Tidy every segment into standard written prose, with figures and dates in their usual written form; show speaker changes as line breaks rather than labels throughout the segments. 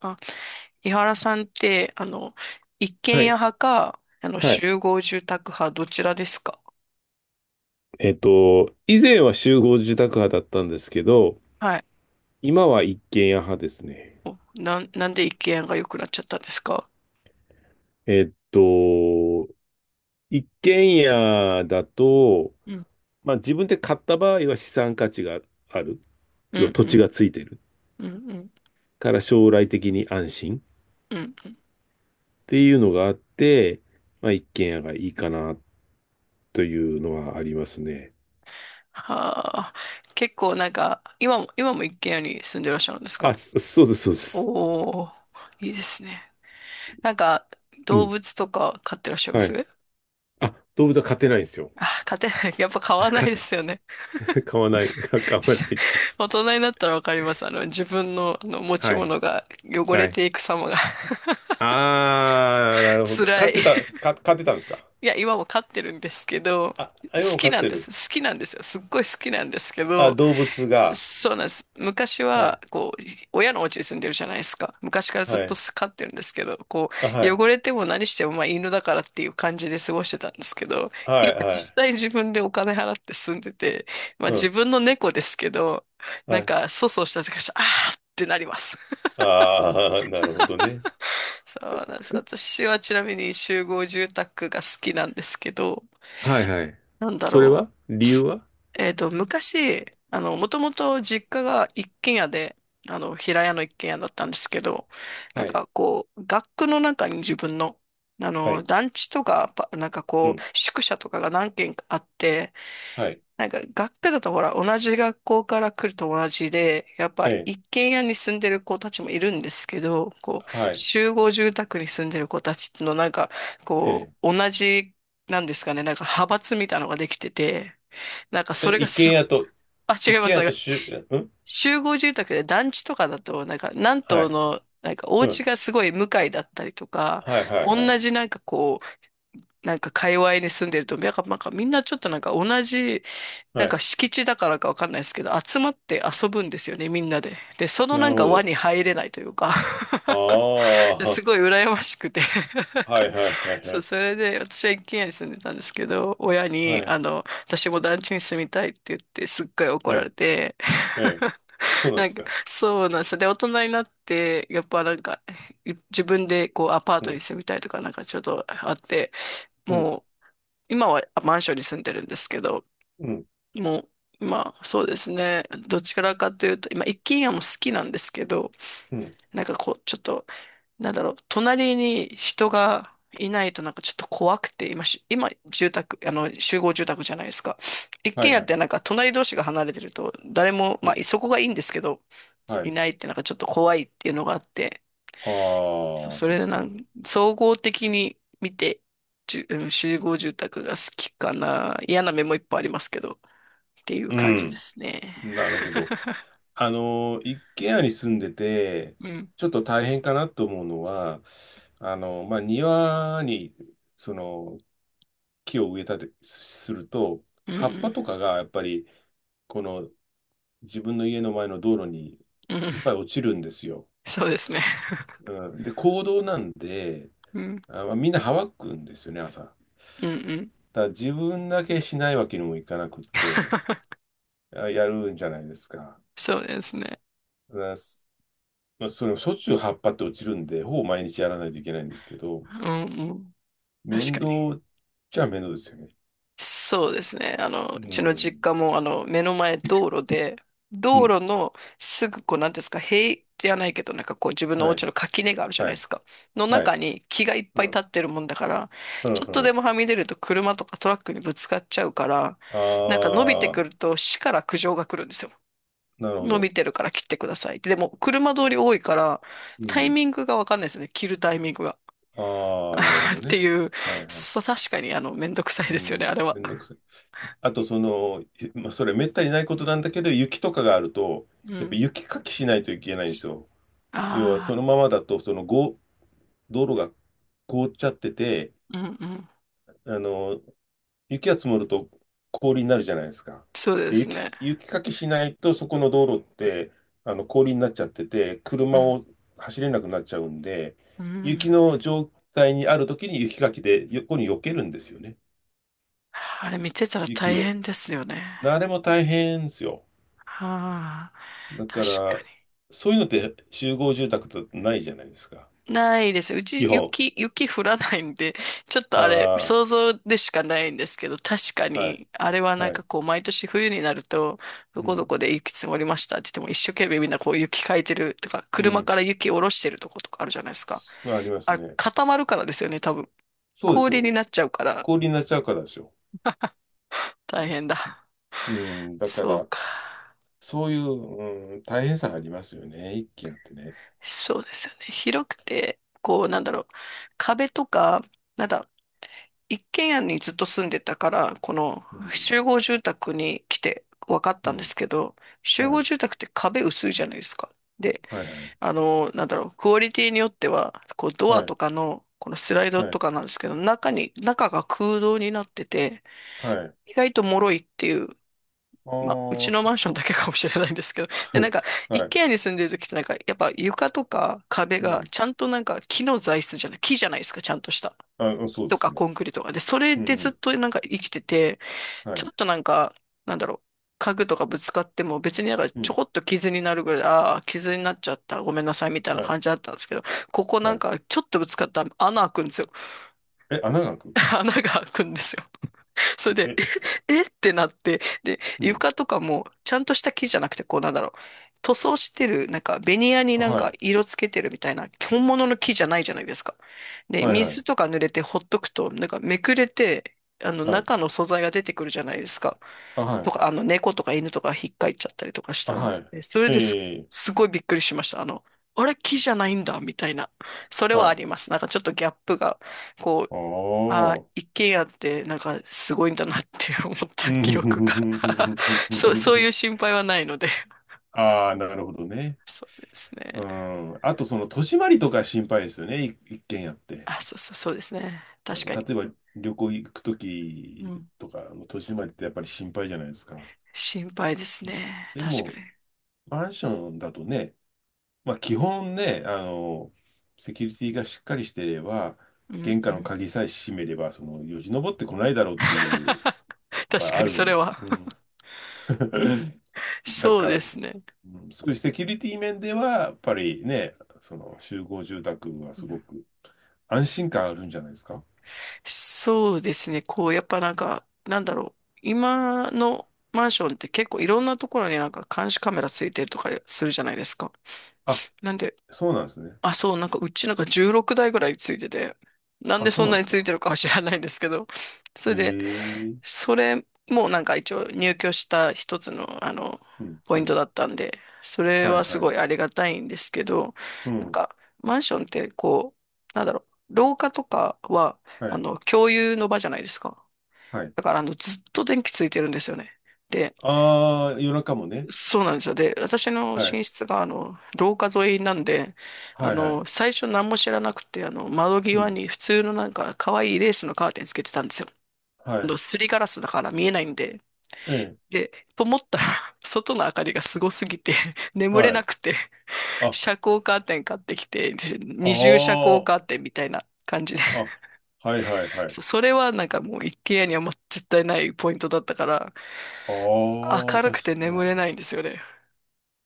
あ、井原さんって、一
は
軒家
い。
派か、
はい。
集合住宅派、どちらですか？
以前は集合住宅派だったんですけど、
はい。
今は一軒家派ですね。
お、なんで一軒家が良くなっちゃったんですか？
えっと、一軒家だと、
うん、
まあ自分で買った場合は資産価値がある。
う
要は
ん、
土
う
地
ん、
がついてる
うん、うん、
から将来的に安心っ
うん。
ていうのがあって、まあ一軒家がいいかなというのはありますね。
はあ、結構なんか、今も一軒家に住んでらっしゃるんですか？
あ、そうです、そうです。
おー、いいですね。なんか、
う
動
ん。
物とか飼ってらっしゃいま
は
す？
い。あ、動物は飼ってないんですよ。
あ、飼ってない。やっぱ飼わ ない
飼っ
ですよね。
買わない、買わないで す。
大人になったらわかります。自分の、あの持ち
はい。
物が汚
は
れ
い。
ていく様が。
あー、な るほど。飼
辛
って
い。
た、か、飼ってたんですか？
いや、今も飼ってるんですけど、
あ、
好
あ、今も
き
飼っ
なん
て
で
る。
す。好きなんですよ。すっごい好きなんですけ
あ、
ど、
動物が。
そうなんです。昔
は
は、
い。
こう、親のお家に住んでるじゃないですか。昔からずっ
は
と
い。
飼ってるんですけど、こ
あ、
う、
はい。
汚れても何しても、まあ、犬だからっていう感じで過ごしてたんですけど、
は
今
い、は
実
い。
際自分でお金払って住んでて、まあ、
う
自
ん。
分の猫ですけど、
は
なん
い。
か、粗相した時から、あーってなります。
あー、なるほどね。
そうなんです。私はちなみに集合住宅が好きなんですけど、
はいはい。
なんだ
それ
ろう。
は理由は？
えっと、昔、もともと実家が一軒家で、平屋の一軒家だったんですけど、な
は
ん
い。
かこう、学区の中に自分の、
はい。
団地とか、なんか
う
こ
ん。
う、宿舎とかが何軒かあって、
はい。
なんか学科だとほら、同じ学校から来る友達で、やっぱ
はい
一軒家に住んでる子たちもいるんですけど、こう、
はい。
集合住宅に住んでる子たちのなんか、こ
え
う、同じ、なんですかね、なんか派閥みたいなのができてて、なんか
え。え、
それが
一軒
すっ、
家と、
あ、違い
一軒
ます。
家
なん
と
か
しゅ、うん、
集合住宅で団地とかだと、なんか何
は
棟
い。
の、なんかお
う
家
ん。
がすごい向かいだったりとか、
はい、はい、
同
はい。
じなんかこう、なんか界隈に住んでると、なんか、なんかみんなちょっとなんか同じなん
は
か
い。
敷地だからかわかんないですけど、集まって遊ぶんですよね、みんなで。で、その
な
なん
る
か
ほ
輪
ど。
に入れないというか。
あ
す
ー、
ごい羨ましくて。
はい、はい、はい、
そ
は
う、
い。
それで私は一軒家に住んでたんですけど、親
は
に、
い。
あの、私も団地に住みたいって言って、すっごい怒
え
られ
え。
て。
ええ。そう なんで
なん
す
か、
か。
そうなんですよ。で、大人になって、やっぱなんか、自分でこうアパー
う
トに
ん、
住みたいとかなんかちょっとあって、
うん、
もう、今はマンションに住んでるんですけど、
うん、
もう、まあ、そうですね。どちらかというと、今、一軒家も好きなんですけど、
うん。
なんかこう、ちょっと、なんだろう、隣に人がいないとなんかちょっと怖くて、今、あの、集合住宅じゃないですか。一
はい
軒家っ
はい。
てなんか隣同士が離れてると、誰も、
う
ま
ん、
あ、そこがいいんですけど、
は
い
い。
ないってなんかちょっと怖いっていうのがあって、そ
ああ、
それで
確か
な
に。
ん、総合的に見て、じゅうん集合住宅が好きかな。嫌な面もいっぱいありますけど、っていう
う
感じで
ん。
すね。
なるほど。一軒家に住んでて、
うん。
ちょっと大変かなと思うのは、まあ、庭に、その、木を植えたりすると、
う
葉っぱ
ん。
とかがやっぱり、この自分の家の前の道路に
うん。うん。
いっぱい落ちるんですよ。
そうですね。
うん、で、公道なんで、
うん。
あ、まあみんなはわくんですよね、朝。
うん。うん。
だから自分だけしないわけにもいかなくって、あやるんじゃないですか。
そうですね。
だからまあ、それもしょっちゅう葉っぱって落ちるんで、ほぼ毎日やらないといけないんですけど、
うん。うん。確
面
かに。
倒っちゃ面倒ですよね。
そうですね。
う
うちの実
ん。
家も、目の前道路で、
う
道
ん。
路のすぐ、こう、なんていうんですか、塀じゃないけど、なんかこう、自分のお
はい。
家の垣根があるじゃな
は
いで
い。
すか。の
はい。
中に木がいっ
う
ぱい立
ん。
ってるもんだから、
うん。
ちょっ
う
とで
ん。
もはみ出ると車とかトラックにぶつかっちゃうから、なんか伸びて
あ
く
あ、
ると死から苦情が来るんですよ。
なるほ
伸
ど。
びてるから切ってくださいって。でも、車通り多いから、
う
タイ
ん。
ミングがわかんないですね。切るタイミングが。
ああ、なるほ ど
って
ね。
いう、
はいはい。
そう、確かに、めんどくさい
う
ですよね、あ
ん。
れは。
めんどくさい。あと、まあ、それめったにないことなんだけど、雪とかがあると、
う
やっぱ
ん。
雪かきしないといけないんですよ。要はそ
あ
のままだと、そのご道路が凍っちゃってて、
あ、うん。うん。
あの、雪が積もると氷になるじゃないですか。
そうで
で、
す
雪、
ね。
雪かきしないと、そこの道路って、あの、氷になっちゃってて、
う
車
ん。
を走れなくなっちゃうんで、
う
雪
ん。
の状態にある時に雪かきで横に避けるんですよね。
あれ見てたら大
雪を。
変ですよね。
あれも大変ですよ。
はあ、
だ
確
か
か
ら、
に。
そういうのって集合住宅とないじゃないですか。
ないです。うち
基本。
雪、雪降らないんで、ちょっとあれ、
あ
想像でしかないんですけど、確か
あ、はい、
に、あれはな
は
んか
い。
こう、毎年冬になると、ど
う
こど
ん、
こで雪積もりましたって言っても、一生懸命みんなこう雪かいてるとか、
う
車
ん。
から雪下ろしてるとことかあるじゃないですか。
あります
あれ、
ね。
固まるからですよね、多分。
そうです
氷
よ。
になっちゃうから、
氷になっちゃうからですよ。
大変だ。
うん、だか
そう
ら、
か。
そういう、うん、大変さありますよね。一軒あってね。
そうですよね。広くて、こう、なんだろう。壁とか、なんだ、一軒家にずっと住んでたから、この
うん、
集合住宅に来て分かっ
う
たんで
ん、
すけど、集
は
合
い、
住宅って壁薄いじゃないですか。で、
はい、はい、
なんだろう、クオリティによっては、こうド
は
ア
い、
とかの、このスライド
は
と
い、
かなんですけど、中が空洞になってて、
はい。ああ、
意外と脆いっていう、まあ、うちのマン
そ
ションだけかもしれないんですけど、で、なん
う。
か、一
はい、
軒家に住んでる時ってなんか、やっぱ床とか壁
う
が、
ん、
ちゃんとなんか木の材質じゃない、木じゃないですか、ちゃんとした。
あ、
木
そうで
と
す
か
ね。
コンクリとかで、それ
うん、
で
う
ずっ
ん、
となんか生きてて、
は
ちょ
い、
っとなんか、なんだろう、家具とかぶつかっても別になんか
う
ちょ
ん、
こっと傷になるぐらい、ああ、傷になっちゃった、ごめんなさいみたい
は
な
い、
感じだったんですけど、ここな
は
ん
い。
かちょっとぶつかったら穴開くんですよ。
え、穴が開く？
穴が開くんですよ。それで、え。
え、
えってなって、で、
うん、
床とかも、ちゃんとした木じゃなくて、こうなんだろう、塗装してる、なんか、ベニヤになん
は
か
い、
色つけてるみたいな、本物の木じゃないじゃないですか。で、
はい、はい、
水とか濡れてほっとくと、なんかめくれて、
はい、
中の素材が出てくるじゃないですか。
あ、は
と
い、
か、猫とか犬とか引っかいちゃったりとかし
あ、
たら、
はい、
えそれ
え
です、
え、
すごいびっくりしました。あの、あれ、木じゃないんだ、みたいな。それ
は
はあ
い、
ります。なんかちょっとギャップが、こ
あ
あ、
あ、
一軒家ってなんかすごいんだなって思っ
う
た
ん、
記憶が。 そう、そうい う心配はないので。
ああ、なるほどね。
そうです
う
ね。
ん。あと、その、戸締まりとか心配ですよね。一軒家って。
あ、そうですね。
例
確か
え
に。
ば、旅行行くと
う
き
ん。
とか、戸締まりってやっぱり心配じゃないですか。
心配ですね。
で
確か
も、
に。
マンションだとね、まあ、基本ね、あの、セキュリティがしっかりしていれば、
うん。
玄
う
関の
ん。
鍵さえ閉めれば、その、よじ登ってこないだろうっていう、や っ
確
ぱ
か
あ
にそれ
る。
は。
うん。だ
そう
から、
ですね。
うん、そういうセキュリティ面では、やっぱりね、その集合住宅は
う
す
ん。
ごく安心感あるんじゃないですか。
そうですね。こう、やっぱなんか、なんだろう。今のマンションって結構いろんなところになんか監視カメラついてるとかするじゃないですか。
あ、
なんで、
そうなんですね。
あ、そう、なんかうちなんか16台ぐらいついてて、なん
あ、
で
そ
そ
う
ん
なん
な
で
に
す
つい
か。
てるかは知らないんですけど、それで、
ええ、
それもなんか一応入居した一つの、
うん、
ポ
う
イント
ん。
だったんで、それ
は
は
い、
す
はい。
ごいありがたいんですけど、
う
なん
ん、
かマンションってなんだろう、廊下とかは、
はい、
共有の場じゃないですか。
はい。
だからあの、ずっと電気ついてるんですよね。で
ああ、夜中もね。
そうなんですよ。で、私の寝
はい、
室が、廊下沿いなんで、
はい、はい。
最初何も知らなくて、窓
う
際
ん、
に普通のなんか、可愛いレースのカーテンつけてたんですよ。
はい。
すりガラスだから見えないんで。
ええ、
で、と思ったら、外の明かりがすごすぎて、眠れ
は
な
い。
くて、
あ、
遮
あ
光カーテン買ってきて、二重遮光カー
あ、
テンみたいな感じで。
あ、はい、はい、は い。
それはなんかもう一軒家にはもう絶対ないポイントだったから、
ああ、
明る
確
くて眠れ
か、
ないんですよね。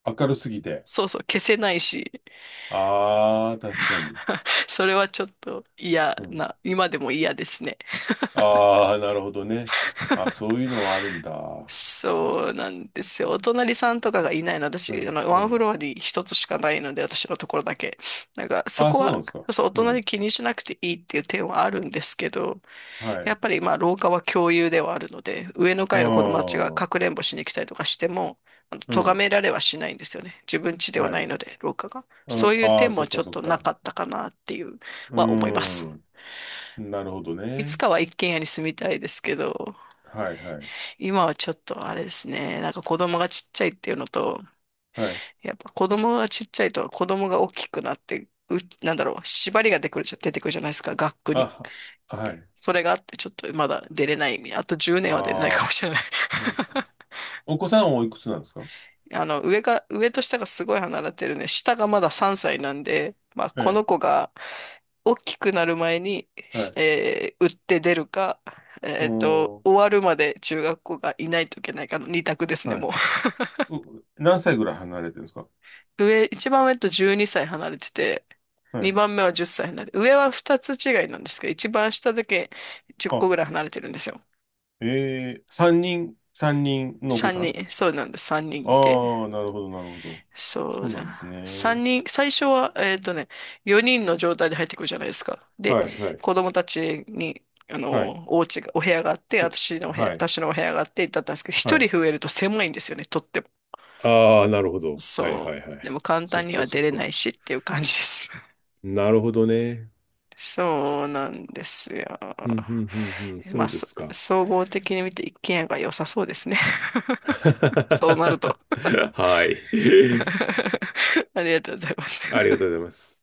あ明るすぎて。
そうそう、消せないし。
ああ、確かに。
それはちょっと嫌
うん。
な、今でも嫌ですね。
ああ、なるほどね。あ、そういうのはあるんだ。
そうなんですよ。お隣さんとかがいないの、
う
私、
ん、う
ワンフ
ん。
ロアに一つしかないので、私のところだけ。なんか、そ
あ、
こ
そうな
は、
んですか。
そう、お
う
隣
ん。
気にしなくていいっていう点はあるんですけど、
は
や
い。
っぱりまあ廊下は共有ではあるので、上の
あ
階の子供たちがかく
あ。
れんぼしに来たりとかしても、
う
咎
ん。
められはしないんですよね。自分家では
は
ない
い。
ので、廊下が。
う
そ
ん、
ういう
ああ、
点
そ
も
っ
ち
か
ょっ
そっ
とな
か。
かったかなっていう
う
は思います。
ん。なるほど
いつ
ね。
かは一軒家に住みたいですけど、
はいはい。
今はちょっとあれですね、なんか子供がちっちゃいっていうのと、
はい。
やっぱ子供がちっちゃいと子供が大きくなって、なんだろう、縛りが出てくるじゃ、出てくるじゃないですか、学区
あ、
に。
はい。
それがあってちょっとまだ出れない。あと10年は出れないか
あ
も
あ、
しれない。
うん。お子さんはおいくつなんですか？
上と下がすごい離れてるね。下がまだ3歳なんで、まあ、
え
この
え。
子が大きくなる前に、
は
し
い。
えー売って出るか、
うん。は
終わるまで中学校がいないといけないかの二択です
い。
ね、もう。
何歳ぐらい離れてるんですか？
一番上と12歳離れてて、
は
二
い。
番目は10歳離れて、上は二つ違いなんですけど、一番下だけ10
あ、
個ぐらい離れてるんですよ。
ええ、三人のお子
三
さん？
人、そうなんです、三人いて。
ああ、なるほど、なるほど。
そう
そうな
だ
んで
な。
すね。
三人、最初は、4人の状態で入ってくるじゃないですか。で、
はい、はい、
子供たちに、
はい。
お部屋があって、
うん、はい、
私のお部屋があって、だったんですけど、
は
一人
い。
増えると狭いんですよね、とっても。
ああ、なるほど。はい、
そ
はい、
う。
は
で
い。
も簡
そっ
単に
か、
は
そっ
出れな
か。
いしっていう感じです。
なるほどね。
そうなんですよ。
うん、うん、うん、うん、
ま
そ
あ、
うで
そ
すか。
総合的に見て一軒家が良さそうですね。そうなると。
は い。
ありがとうございます。
ありがとうございます。